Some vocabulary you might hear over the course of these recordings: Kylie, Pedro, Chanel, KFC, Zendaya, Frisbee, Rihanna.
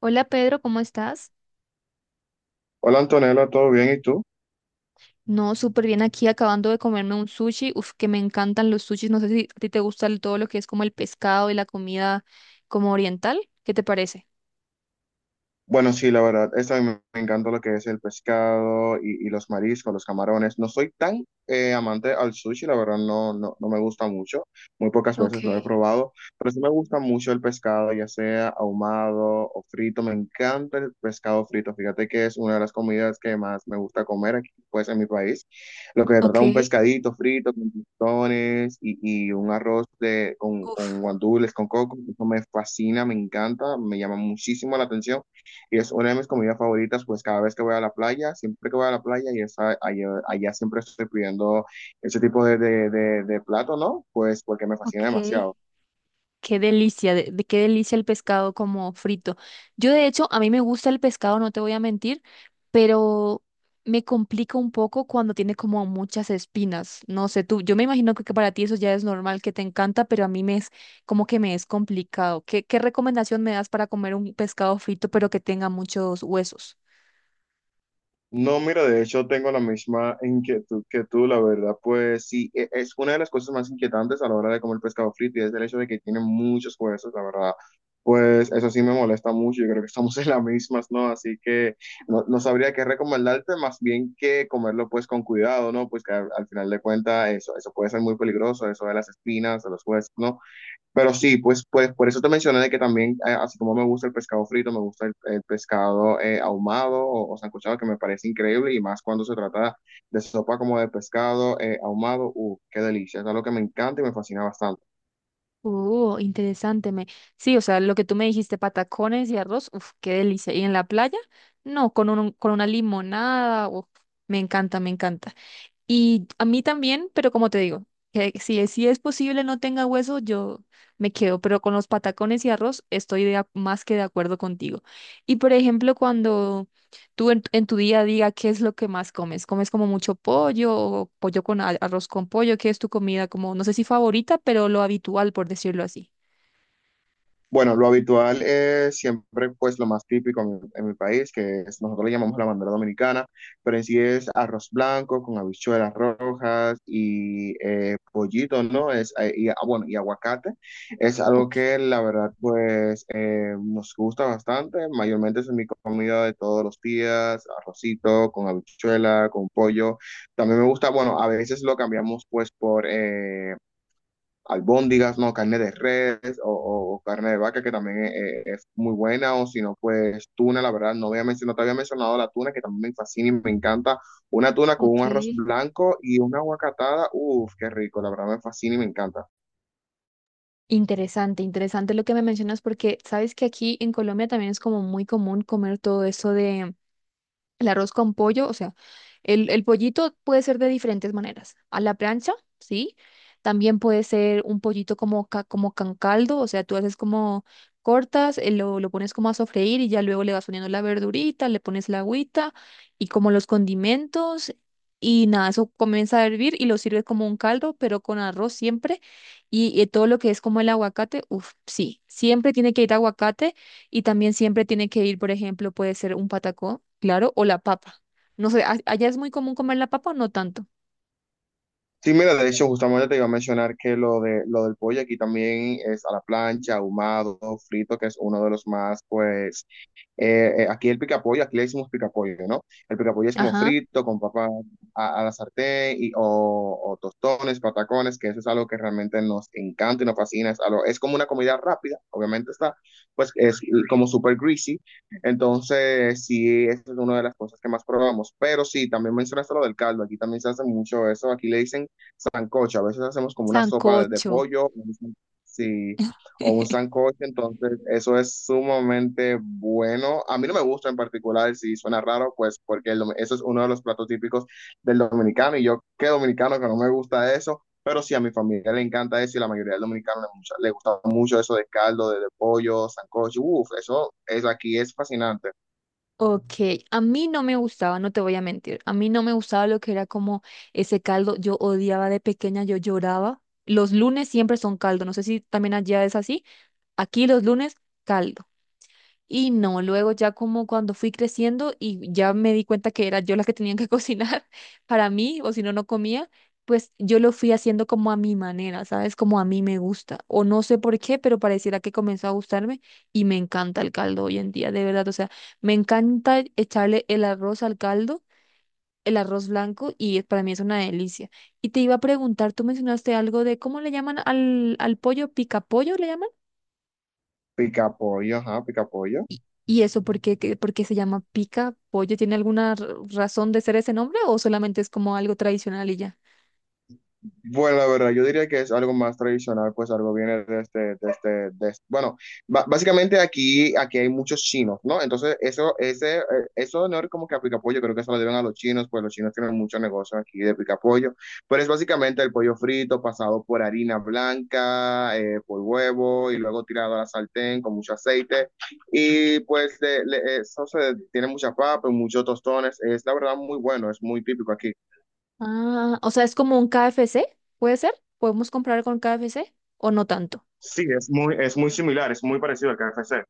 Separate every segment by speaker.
Speaker 1: Hola Pedro, ¿cómo estás?
Speaker 2: Hola Antonella, ¿todo bien? ¿Y tú?
Speaker 1: No, súper bien aquí acabando de comerme un sushi. Uf, que me encantan los sushis. No sé si a ti te gusta todo lo que es como el pescado y la comida como oriental. ¿Qué te parece?
Speaker 2: Bueno, sí, la verdad, esa me encanta lo que es el pescado y los mariscos, los camarones. No soy tan amante al sushi, la verdad, no, no, no me gusta mucho. Muy pocas
Speaker 1: Ok,
Speaker 2: veces lo he probado, pero sí me gusta mucho el pescado, ya sea ahumado o frito. Me encanta el pescado frito. Fíjate que es una de las comidas que más me gusta comer aquí, pues, en mi país. Lo que se trata
Speaker 1: ok,
Speaker 2: de un pescadito frito con tostones y un arroz de,
Speaker 1: uf,
Speaker 2: con guandules, con coco. Eso me fascina, me encanta, me llama muchísimo la atención. Y es una de mis comidas favoritas, pues cada vez que voy a la playa, siempre que voy a la playa, y allá, allá siempre estoy pidiendo ese tipo de plato, ¿no? Pues porque me
Speaker 1: ok.
Speaker 2: fascina demasiado.
Speaker 1: Qué delicia, de qué delicia el pescado como frito. Yo de hecho, a mí me gusta el pescado, no te voy a mentir, pero me complica un poco cuando tiene como muchas espinas. No sé, tú, yo me imagino que para ti eso ya es normal, que te encanta, pero a mí me es complicado. ¿Qué recomendación me das para comer un pescado frito pero que tenga muchos huesos?
Speaker 2: No, mira, de hecho tengo la misma inquietud que tú, la verdad, pues sí, es una de las cosas más inquietantes a la hora de comer pescado frito y es el hecho de que tiene muchos huesos, la verdad, pues eso sí me molesta mucho, yo creo que estamos en las mismas, ¿no? Así que no, no sabría qué recomendarte, más bien que comerlo pues con cuidado, ¿no? Pues que al final de cuentas eso, eso puede ser muy peligroso, eso de las espinas, de los huesos, ¿no? Pero sí, pues, pues por eso te mencioné de que también, así como me gusta el pescado frito, me gusta el pescado ahumado o sancochado, que me parece increíble, y más cuando se trata de sopa como de pescado ahumado, qué delicia, es algo que me encanta y me fascina bastante.
Speaker 1: Interesante. Me... Sí, o sea, lo que tú me dijiste, patacones y arroz, uf, qué delicia. ¿Y en la playa? No, con con una limonada, uf, me encanta, me encanta. Y a mí también, pero como te digo, que si es posible no tenga hueso, yo me quedo, pero con los patacones y arroz estoy más que de acuerdo contigo. Y por ejemplo, cuando tú en tu día a día, ¿qué es lo que más comes? ¿Comes como mucho pollo o pollo con arroz con pollo? ¿Qué es tu comida como, no sé si favorita, pero lo habitual, por decirlo así?
Speaker 2: Bueno, lo habitual es siempre pues lo más típico en mi país, que es, nosotros le llamamos la bandera dominicana, pero en sí es arroz blanco con habichuelas rojas y pollito, ¿no? Es, y, ah, bueno, y aguacate. Es
Speaker 1: Ok,
Speaker 2: algo que la verdad pues nos gusta bastante, mayormente es mi comida de todos los días, arrocito con habichuela, con pollo. También me gusta, bueno, a veces lo cambiamos pues por... albóndigas, ¿no? Carne de res o, carne de vaca, que también es muy buena, o si no, pues tuna, la verdad, no, había mencionado, te había mencionado la tuna, que también me fascina y me encanta. Una tuna con un arroz
Speaker 1: ok.
Speaker 2: blanco y una aguacatada, uff, qué rico, la verdad me fascina y me encanta.
Speaker 1: Interesante, interesante lo que me mencionas porque sabes que aquí en Colombia también es como muy común comer todo eso. El arroz con pollo, o sea, el pollito puede ser de diferentes maneras. A la plancha, sí. También puede ser un pollito como, como con caldo, o sea, tú haces como cortas, lo pones como a sofreír y ya luego le vas poniendo la verdurita, le pones la agüita y como los condimentos y nada, eso comienza a hervir y lo sirves como un caldo, pero con arroz siempre y todo lo que es como el aguacate, uff, sí, siempre tiene que ir aguacate y también siempre tiene que ir, por ejemplo, puede ser un patacón, claro, o la papa. No sé, ¿allá es muy común comer la papa o no tanto?
Speaker 2: Sí, mira, de hecho, justamente te iba a mencionar que lo de lo del pollo aquí también es a la plancha, ahumado, frito, que es uno de los más, pues, aquí el picapollo, aquí le decimos picapollo, ¿no? El picapollo es como
Speaker 1: Ajá,
Speaker 2: frito, con papa a la sartén, y, o tostones, patacones, que eso es algo que realmente nos encanta y nos fascina. Es, es como una comida rápida, obviamente está, pues es como súper greasy. Entonces, sí, esa es una de las cosas que más probamos. Pero sí, también mencionaste lo del caldo, aquí también se hace mucho eso, aquí le dicen sancocho, a veces hacemos como una sopa de
Speaker 1: sancocho.
Speaker 2: pollo, sí o un sancocho, entonces eso es sumamente bueno. A mí no me gusta en particular, si suena raro, pues porque el eso es uno de los platos típicos del dominicano y yo que dominicano que no me gusta eso, pero sí a mi familia le encanta eso y la mayoría del dominicano le, le gusta mucho eso de caldo, de pollo, sancocho, uff, eso aquí es fascinante.
Speaker 1: Ok, a mí no me gustaba, no te voy a mentir, a mí no me gustaba lo que era como ese caldo, yo odiaba de pequeña, yo lloraba. Los lunes siempre son caldo, no sé si también allá es así, aquí los lunes caldo. Y no, luego ya como cuando fui creciendo y ya me di cuenta que era yo la que tenía que cocinar para mí, o si no, no comía, pues yo lo fui haciendo como a mi manera, ¿sabes? Como a mí me gusta. O no sé por qué, pero pareciera que comenzó a gustarme y me encanta el caldo hoy en día, de verdad. O sea, me encanta echarle el arroz al caldo, el arroz blanco, y para mí es una delicia. Y te iba a preguntar, tú mencionaste algo de cómo le llaman al pollo, picapollo, ¿le llaman?
Speaker 2: Pica pollo, ajá, pica pollo.
Speaker 1: Y eso por qué, por qué se llama pica pollo? ¿Tiene alguna razón de ser ese nombre o solamente es como algo tradicional y ya?
Speaker 2: Bueno, la verdad, yo diría que es algo más tradicional, pues algo viene de este, Bueno, básicamente aquí, aquí hay muchos chinos, ¿no? Entonces, eso, ese, eso no es como que a picapollo, creo que eso lo deben a los chinos, pues los chinos tienen mucho negocio aquí de picapollo, pero es básicamente el pollo frito pasado por harina blanca, por huevo y luego tirado a la sartén con mucho aceite. Y pues eso se, tiene mucha papa, muchos tostones, es la verdad muy bueno, es muy típico aquí.
Speaker 1: Ah, o sea, es como un KFC, ¿puede ser? ¿Podemos comprar con KFC o no tanto?
Speaker 2: Sí, es muy similar, es muy parecido al KFC.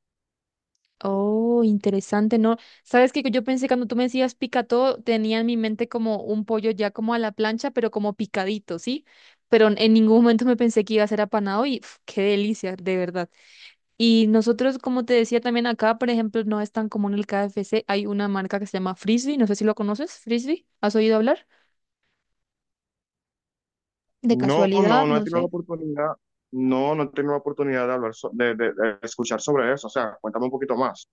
Speaker 1: Oh, interesante, ¿no? Sabes que yo pensé cuando tú me decías pica todo, tenía en mi mente como un pollo ya como a la plancha, pero como picadito, ¿sí? Pero en ningún momento me pensé que iba a ser apanado y uf, qué delicia, de verdad. Y nosotros, como te decía también acá, por ejemplo, no es tan común el KFC. Hay una marca que se llama Frisbee, no sé si lo conoces, Frisbee. ¿Has oído hablar? De
Speaker 2: No,
Speaker 1: casualidad,
Speaker 2: no, no he
Speaker 1: no
Speaker 2: tenido la
Speaker 1: sé.
Speaker 2: oportunidad, no, no he tenido la oportunidad de hablar, de, de escuchar sobre eso. O sea, cuéntame un poquito más.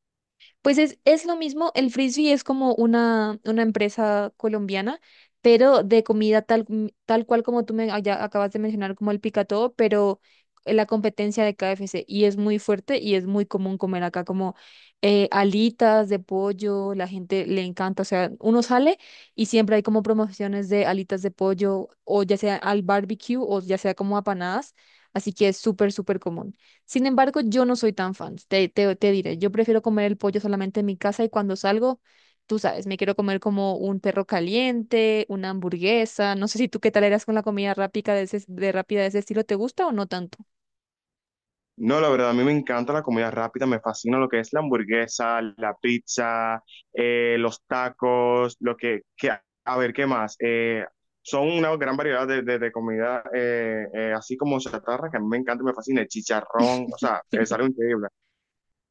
Speaker 1: Pues es lo mismo, el Frisbee es como una empresa colombiana, pero de comida tal, tal cual como tú me allá acabas de mencionar, como el picatodo, pero la competencia de KFC y es muy fuerte y es muy común comer acá como alitas de pollo, la gente le encanta, o sea, uno sale y siempre hay como promociones de alitas de pollo o ya sea al barbecue o ya sea como apanadas, así que es súper, súper común. Sin embargo, yo no soy tan fan, te diré, yo prefiero comer el pollo solamente en mi casa y cuando salgo, tú sabes, me quiero comer como un perro caliente, una hamburguesa, no sé si tú qué tal eras con la comida rápida de ese, de ese estilo, ¿te gusta o no tanto?
Speaker 2: No, la verdad, a mí me encanta la comida rápida, me fascina lo que es la hamburguesa, la pizza, los tacos, lo que, a ver, ¿qué más? Son una gran variedad de, de comida, así como chatarra, que a mí me encanta y me fascina, el chicharrón, o sea, es algo increíble.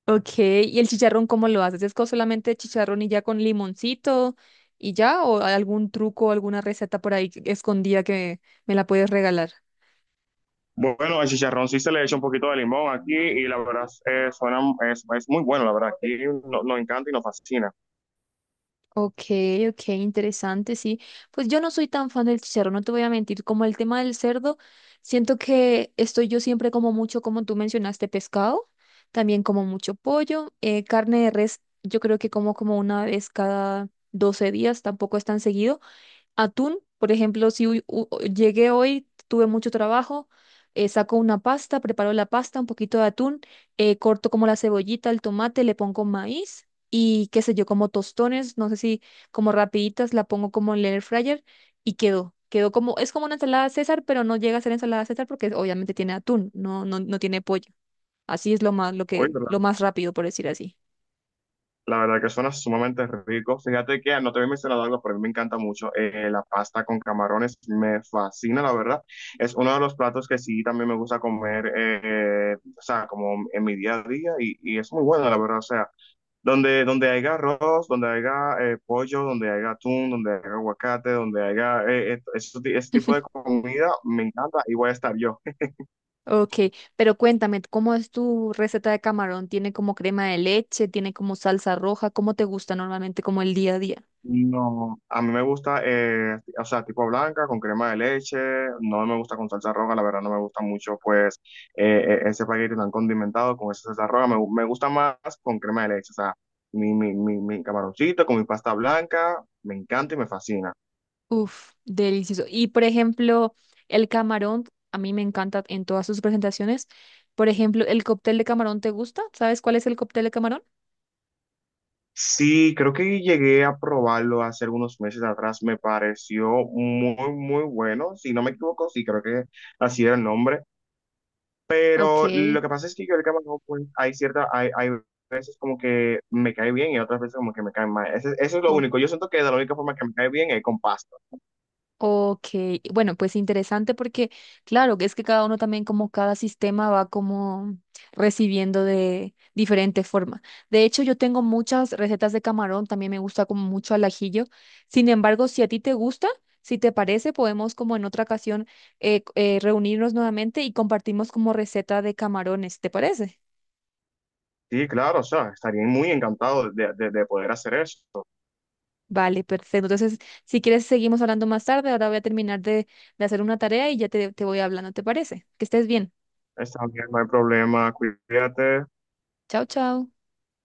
Speaker 1: Ok, ¿y el chicharrón cómo lo haces? ¿Es con solamente chicharrón y ya con limoncito y ya? ¿O hay algún truco, alguna receta por ahí escondida que me la puedes regalar?
Speaker 2: Bueno, el chicharrón sí se le echa un poquito de limón aquí y la verdad suena, es muy bueno, la verdad. Aquí nos encanta y nos fascina.
Speaker 1: Ok, ok, interesante, sí. Pues yo no soy tan fan del chicharrón, no te voy a mentir. Como el tema del cerdo, siento que estoy yo siempre como mucho, como tú mencionaste, pescado, también como mucho pollo, carne de res, yo creo que como una vez cada 12 días, tampoco es tan seguido atún, por ejemplo, si llegué hoy, tuve mucho trabajo, saco una pasta, preparo la pasta, un poquito de atún, corto como la cebollita, el tomate, le pongo maíz y qué sé yo, como tostones, no sé si como rapiditas, la pongo como en el air fryer y quedó. Quedó como, es como una ensalada César, pero no llega a ser ensalada César porque obviamente tiene atún, no tiene pollo. Así es lo más,
Speaker 2: Oye, la,
Speaker 1: lo más rápido, por decir así.
Speaker 2: la verdad que suena sumamente rico. Fíjate que no te había mencionado algo, pero a mí me encanta mucho la pasta con camarones. Me fascina, la verdad. Es uno de los platos que sí también me gusta comer, o sea, como en mi día a día y es muy bueno, la verdad. O sea, donde, donde haya arroz, donde haya pollo, donde haya atún, donde haya aguacate, donde haya ese, tipo de comida, me encanta y voy a estar yo.
Speaker 1: Ok, pero cuéntame, ¿cómo es tu receta de camarón? ¿Tiene como crema de leche? ¿Tiene como salsa roja? ¿Cómo te gusta normalmente como el día a día?
Speaker 2: No, a mí me gusta, o sea, tipo blanca, con crema de leche, no me gusta con salsa roja, la verdad no me gusta mucho, pues, ese paquete tan condimentado con esa salsa roja, me, me gusta más con crema de leche, o sea, mi camaroncito con mi pasta blanca, me encanta y me fascina.
Speaker 1: Uf, delicioso. Y por ejemplo, el camarón, a mí me encanta en todas sus presentaciones. Por ejemplo, ¿el cóctel de camarón te gusta? ¿Sabes cuál es el cóctel de camarón?
Speaker 2: Sí, creo que llegué a probarlo hace algunos meses atrás. Me pareció muy, muy bueno. Si no me equivoco, sí, creo que así era el nombre.
Speaker 1: Ok,
Speaker 2: Pero lo que pasa es que yo el camarón, pues, hay cierta, hay veces como que me cae bien y otras veces como que me cae mal. Eso es lo
Speaker 1: ok.
Speaker 2: único. Yo siento que de la única forma que me cae bien es con pasta.
Speaker 1: Ok, bueno, pues interesante porque, claro, que es que cada uno también como cada sistema va como recibiendo de diferente forma. De hecho, yo tengo muchas recetas de camarón, también me gusta como mucho al ajillo. Sin embargo, si a ti te gusta, si te parece, podemos como en otra ocasión reunirnos nuevamente y compartimos como receta de camarones, ¿te parece?
Speaker 2: Sí, claro, o sea, estaría muy encantado de poder hacer eso.
Speaker 1: Vale, perfecto. Entonces, si quieres, seguimos hablando más tarde. Ahora voy a terminar de hacer una tarea y ya te voy hablando, ¿te parece? Que estés bien.
Speaker 2: Está bien, no hay problema. Cuídate.
Speaker 1: Chao, chao.